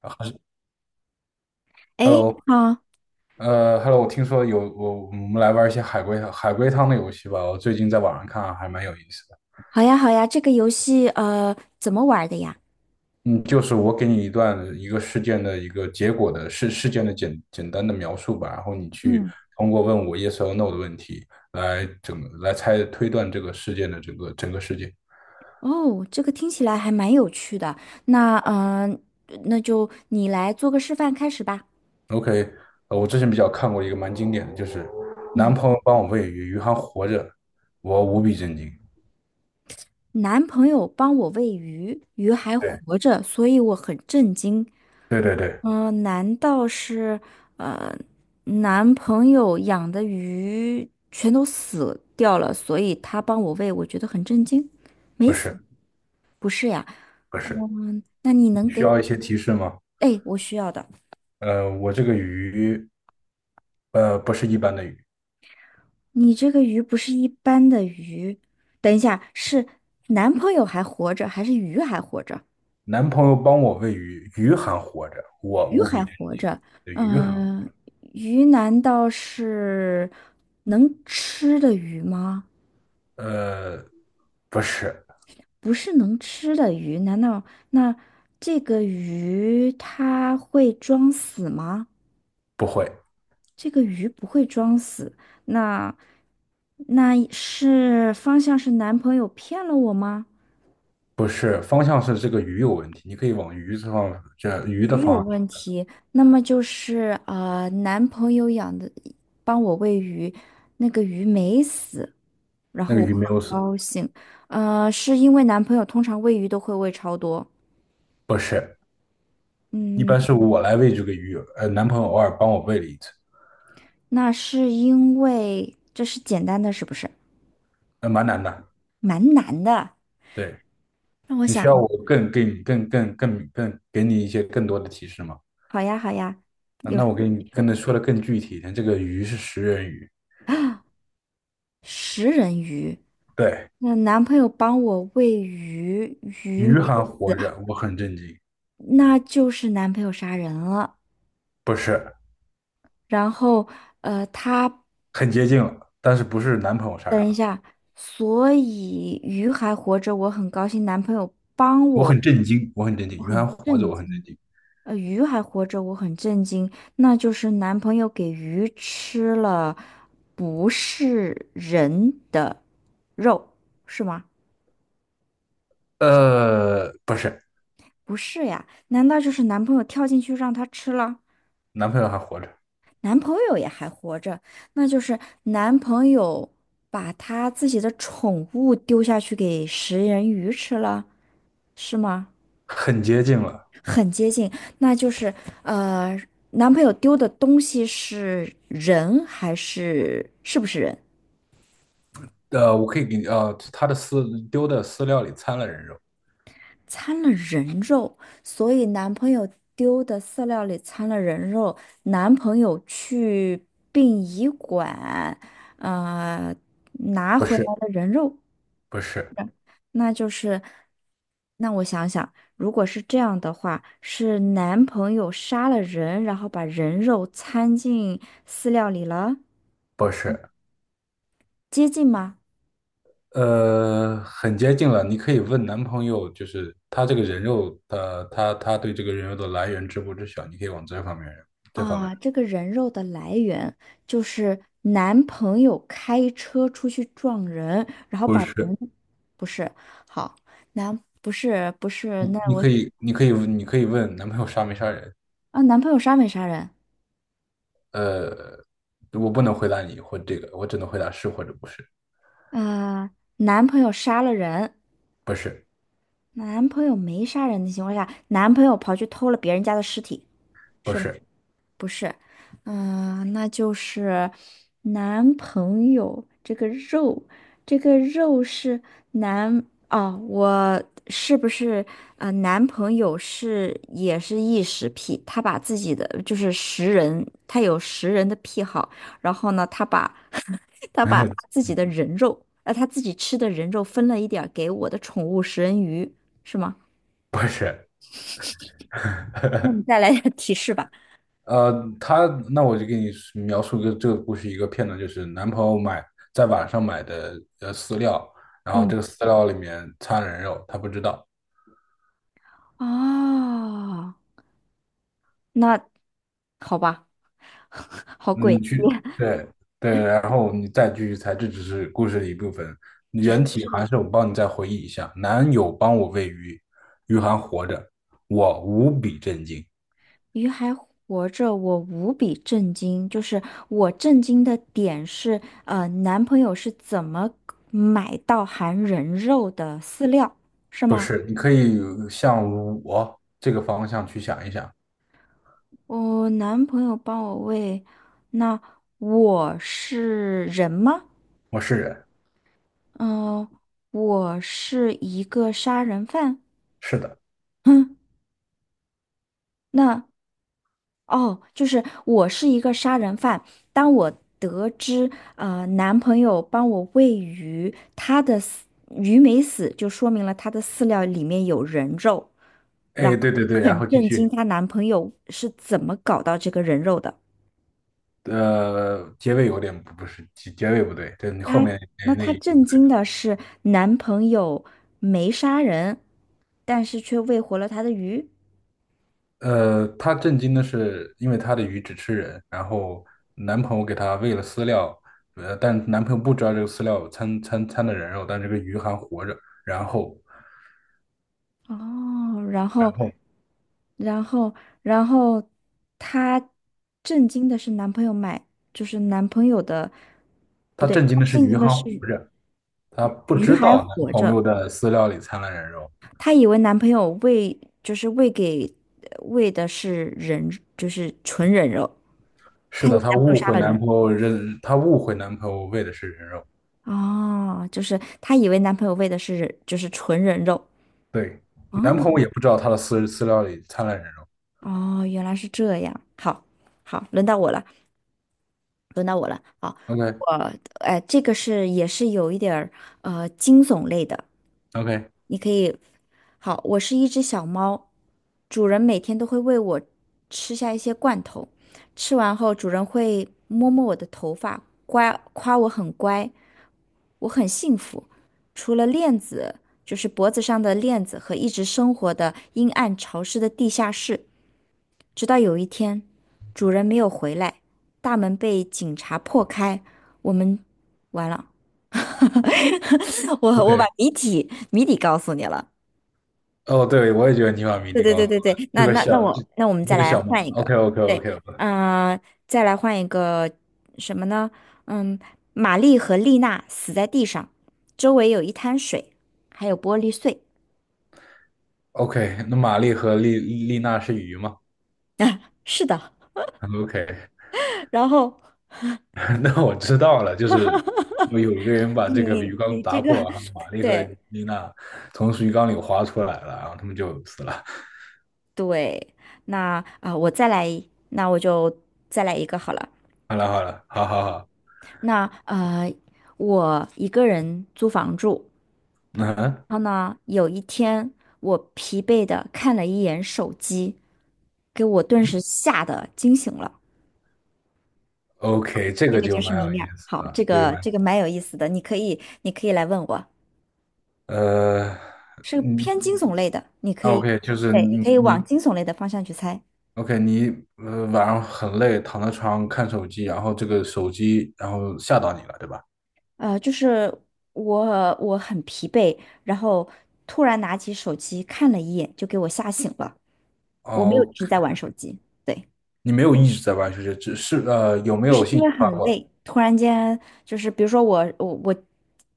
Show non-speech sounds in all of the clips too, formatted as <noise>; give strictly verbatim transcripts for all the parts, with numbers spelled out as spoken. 啊诶，，Hello，好，呃，Hello，我听说有我，我们来玩一些海龟海龟汤的游戏吧。我最近在网上看啊还蛮有意思的。好呀，好呀，这个游戏呃怎么玩的呀？嗯，就是我给你一段一个事件的一个结果的事事件的简简单的描述吧，然后你去嗯，通过问我 yes or no 的问题来整来猜推断这个事件的整个整个事件。哦，这个听起来还蛮有趣的。那嗯、呃那就你来做个示范开始吧。OK，呃，我之前比较看过一个蛮经典的，就是男嗯，朋友帮我喂鱼，鱼还活着，我无比震惊。男朋友帮我喂鱼，鱼还对。活着，所以我很震惊。对对对。嗯、难道是呃男朋友养的鱼全都死掉了，所以他帮我喂，我觉得很震惊？没不死，是，不是呀。不是。嗯，那你能给需我要一些提示吗？哎，我需要的。呃，我这个鱼，呃，不是一般的鱼。你这个鱼不是一般的鱼，等一下，是男朋友还活着，还是鱼还活着？男朋友帮我喂鱼，鱼还活着，我鱼无比还震活惊。着，对鱼还，嗯、鱼难道是能吃的鱼吗？呃，不是。不是能吃的鱼，难道那这个鱼它会装死吗？不会。这个鱼不会装死，那那是方向是男朋友骗了我吗？不是，方向是这个鱼有问题，你可以往鱼这方，这鱼的鱼有方向去。问题，那么就是呃，男朋友养的，帮我喂鱼，那个鱼没死，然那后个我鱼没有很死。高兴，呃，是因为男朋友通常喂鱼都会喂超多，不是。一嗯，般是我来喂这个鱼，呃，男朋友偶尔帮我喂了一次。那是因为这是简单的，是不是？呃，蛮难的。蛮难的，对。那我你需要想，我更给你更更更更给你一些更多的提示吗？好呀好呀，啊，有那什我给你么跟他说的更具体一点，这个鱼是食人鱼。啊，<gasps> 食人鱼，对。那男朋友帮我喂鱼，鱼没鱼还死，活着，我很震惊。那就是男朋友杀人了。不是，然后，呃，他很接近了，但是不是男朋友杀人等一了。下，所以鱼还活着，我很高兴。男朋友帮我很我，震惊，我很震惊，我鱼还很活着，震我很震惊。惊。呃，鱼还活着，我很震惊。那就是男朋友给鱼吃了不是人的肉，是吗？呃，不是。不是呀，难道就是男朋友跳进去让他吃了？男朋友还活着。男朋友也还活着，那就是男朋友把他自己的宠物丢下去给食人鱼吃了，是吗？很接近了。很接近，那就是呃，男朋友丢的东西是人还是是不是人？呃，我可以给你。呃，他的饲丢的饲料里掺了人肉。掺了人肉，所以男朋友丢的饲料里掺了人肉，男朋友去殡仪馆，呃，拿不回来是。了人肉。不是。那就是，那我想想，如果是这样的话，是男朋友杀了人，然后把人肉掺进饲料里了，不是。接近吗？呃，很接近了。你可以问男朋友，就是他这个人肉，的，他他对这个人肉的来源知不知晓？你可以往这方面，这方面啊，这个人肉的来源就是男朋友开车出去撞人，然后不把人，是。不是，好，男，不是，不是，你那你我，可以，你可以，你可以问男朋友杀没杀人。啊，男朋友杀没杀人？呃，我不能回答你或这个，我只能回答是或者不是。啊，男朋友杀了人，不是。男朋友没杀人的情况下，男朋友跑去偷了别人家的尸体。不是吧？是。不是，嗯、那就是男朋友这个肉，这个肉是男哦，我是不是啊？男朋友是也是异食癖，他把自己的就是食人，他有食人的癖好，然后呢，他把 <laughs> 他把他 <laughs> 自己的人肉，呃，他自己吃的人肉分了一点儿给我的宠物食人鱼，是吗？不是。那你 <laughs> 再来点儿提示吧。呃，他那我就给你描述一个这个故事一个片段，就是男朋友买在网上买的呃饲料，然后这嗯，个饲料里面掺人肉，他不知道。哦。那好吧，<laughs> 好你鬼，去对对，然后你再继续猜，这只是故事的一部分。原题还是我帮你再回忆一下：男友帮我喂鱼，鱼还活着，我无比震惊。鱼还活着，我无比震惊。就是我震惊的点是，呃，男朋友是怎么买到含人肉的饲料，是不吗？是，你可以向我这个方向去想一想。我男朋友帮我喂，那我是人吗？我是人。嗯、我是一个杀人犯。是的。<laughs> 哼，那。哦，就是我是一个杀人犯。当我得知呃男朋友帮我喂鱼，他的饲鱼没死，就说明了他的饲料里面有人肉。然哎，后对对对，然很后继震惊，续。她男朋友是怎么搞到这个人肉的？呃，结尾有点不不是结结尾不对，对你后她面那那她那一句震不对。惊的是男朋友没杀人，但是却喂活了她的鱼。呃，她震惊的是，因为她的鱼只吃人，然后男朋友给她喂了饲料，呃，但男朋友不知道这个饲料掺掺掺的人肉，但这个鱼还活着。然后哦，然然后，后然后，然后，她震惊的是男朋友买，就是男朋友的，不她对，震惊的是震鱼惊的还活是着，她不鱼知还道男活朋友着，的饲料里掺了人肉。她以为男朋友喂，就是喂给喂的是人，就是纯人肉，是她以的，为她男朋友误杀会了男人，朋友认，她误会男朋友喂的是人肉。哦，就是她以为男朋友喂的是人，就是纯人肉，对，男哦，朋友也不知道她的饲饲料里掺了人肉。哦，原来是这样，好，好，轮到我了，轮到我了，好。OK 呃，哎，这个是也是有一点儿呃惊悚类的，OK。你可以。好，我是一只小猫，主人每天都会喂我吃下一些罐头，吃完后主人会摸摸我的头发，乖，夸我很乖，我很幸福。除了链子，就是脖子上的链子和一直生活的阴暗潮湿的地下室，直到有一天，主人没有回来，大门被警察破开，我们完了。<laughs> 我我把 OK，谜底谜底告诉你了。哦，对，我也觉得尼玛米对莉对高对斯对对，这那个那那小这我那我们再这个来小嘛 换一 o k 个，o k o k 对，o k 嗯，再来换一个什么呢？嗯，玛丽和丽娜死在地上，周围有一滩水，还有玻璃碎。OK，那玛丽和丽丽娜是鱼吗 <laughs> 啊，是的，？OK，然后 <laughs> 那我知道了，就是 <laughs> 有有一个人把你这个你鱼缸你这打个，破，然后玛 <laughs> 丽和对，丽娜从鱼缸里滑出来了，然后他们就死了。对，那啊、呃我再来，那我就再来一个好了。好了好了，好好好，那呃，我一个人租房住，嗯然后呢，有一天我疲惫的看了一眼手机，给我顿时吓得惊醒了。，OK，这这个个就就是蛮谜有面意儿。思好，了，这就是个蛮这个蛮有意思的，你可以你可以来问我，呃，是嗯偏惊悚类的，你可以，，OK，就是对，你你可以往你 惊悚类的方向去猜。OK，你呃晚上很累，躺在床上看手机，然后这个手机然后吓到你了，对吧？呃，就是我我很疲惫，然后突然拿起手机看了一眼，就给我吓醒了。我没有一哦，直在玩手机，对，你没有一直在玩手机，只是呃有没就有是信因息为发很过来？累，突然间就是比如说我我我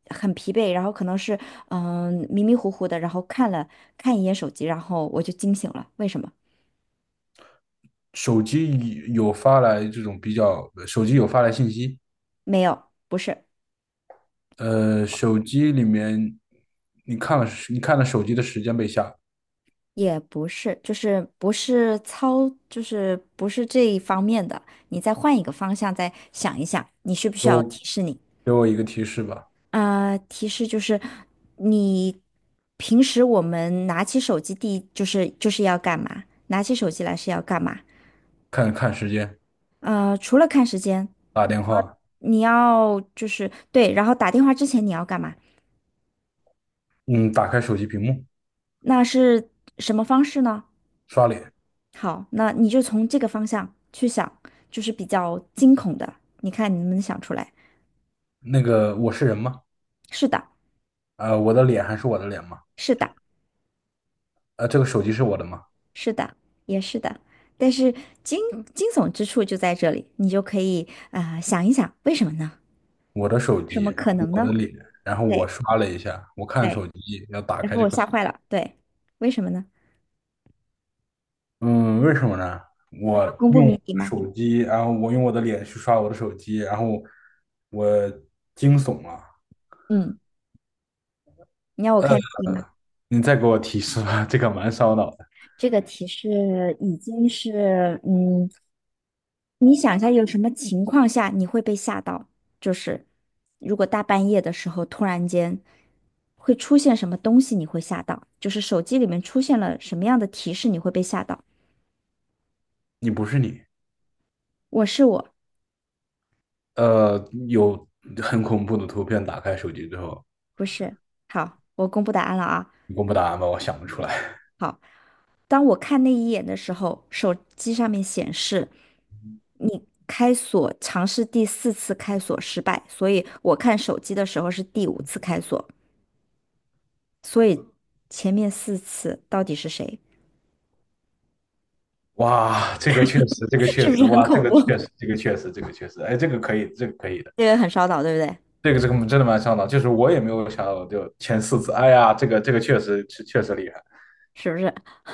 很疲惫，然后可能是嗯、迷迷糊糊的，然后看了看一眼手机，然后我就惊醒了。为什么？手机有发来这种比较，手机有发来信息。没有，不是，呃，手机里面你看了你看了手机的时间被吓。也不是，就是不是操，就是不是这一方面的。你再换一个方向再想一想，你需不需给要我我提示你？给我一个提示吧。啊、呃提示就是你平时我们拿起手机第一就是就是要干嘛？拿起手机来是要干嘛？看看时间。呃，除了看时间，打电话。你要就是对，然后打电话之前你要干嘛？嗯，打开手机屏幕。那是什么方式呢？刷脸。好，那你就从这个方向去想，就是比较惊恐的，你看你能不能想出来？那个我是人吗？是的，呃，我的脸还是我的脸吗？是的，呃，这个手机是我的吗？是的，也是的。但是惊惊悚之处就在这里，你就可以啊、呃想一想，为什么呢？我的手什机，么然后可能我呢？的脸，然后我对刷了一下，我看手对，机要打然开后这我个锁。吓坏了，对，为什么呢？嗯，为什么呢？要我公布用谜底吗？手机，然后我用我的脸去刷我的手机，然后我惊悚了。嗯，你要我呃，开谜底吗？你再给我提示吧，<laughs> 这个蛮烧脑的。这个提示已经是，嗯，你想一下，有什么情况下你会被吓到？就是如果大半夜的时候突然间会出现什么东西，你会吓到？就是手机里面出现了什么样的提示，你会被吓到？你不是你，我是我，呃，有很恐怖的图片打开手机之后。不是。好，我公布答案了啊。你公布答案吧，我想不出来。当我看那一眼的时候，手机上面显示你开锁尝试第四次开锁失败，所以我看手机的时候是第五次开锁，所以前面四次到底是谁？哇，这个确实，这个 <laughs> 是确不实，是很哇，这恐个怖？确实，这 <laughs> 个确实，这个确实，哎，这个可以，这个可以的。这个很烧脑，对不对？这个这个真的蛮上脑，就是我也没有想到，就前四次，哎呀，这个这个确实确确实厉害。是不是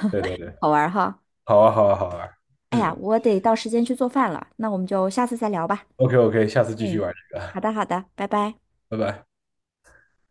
对对对。好玩儿哈？好啊好啊好啊。哎呀，嗯我得到时间去做饭了，那我们就下次再聊吧。，OK OK，下次继续嗯，玩这个。好的，好的，拜拜。拜拜。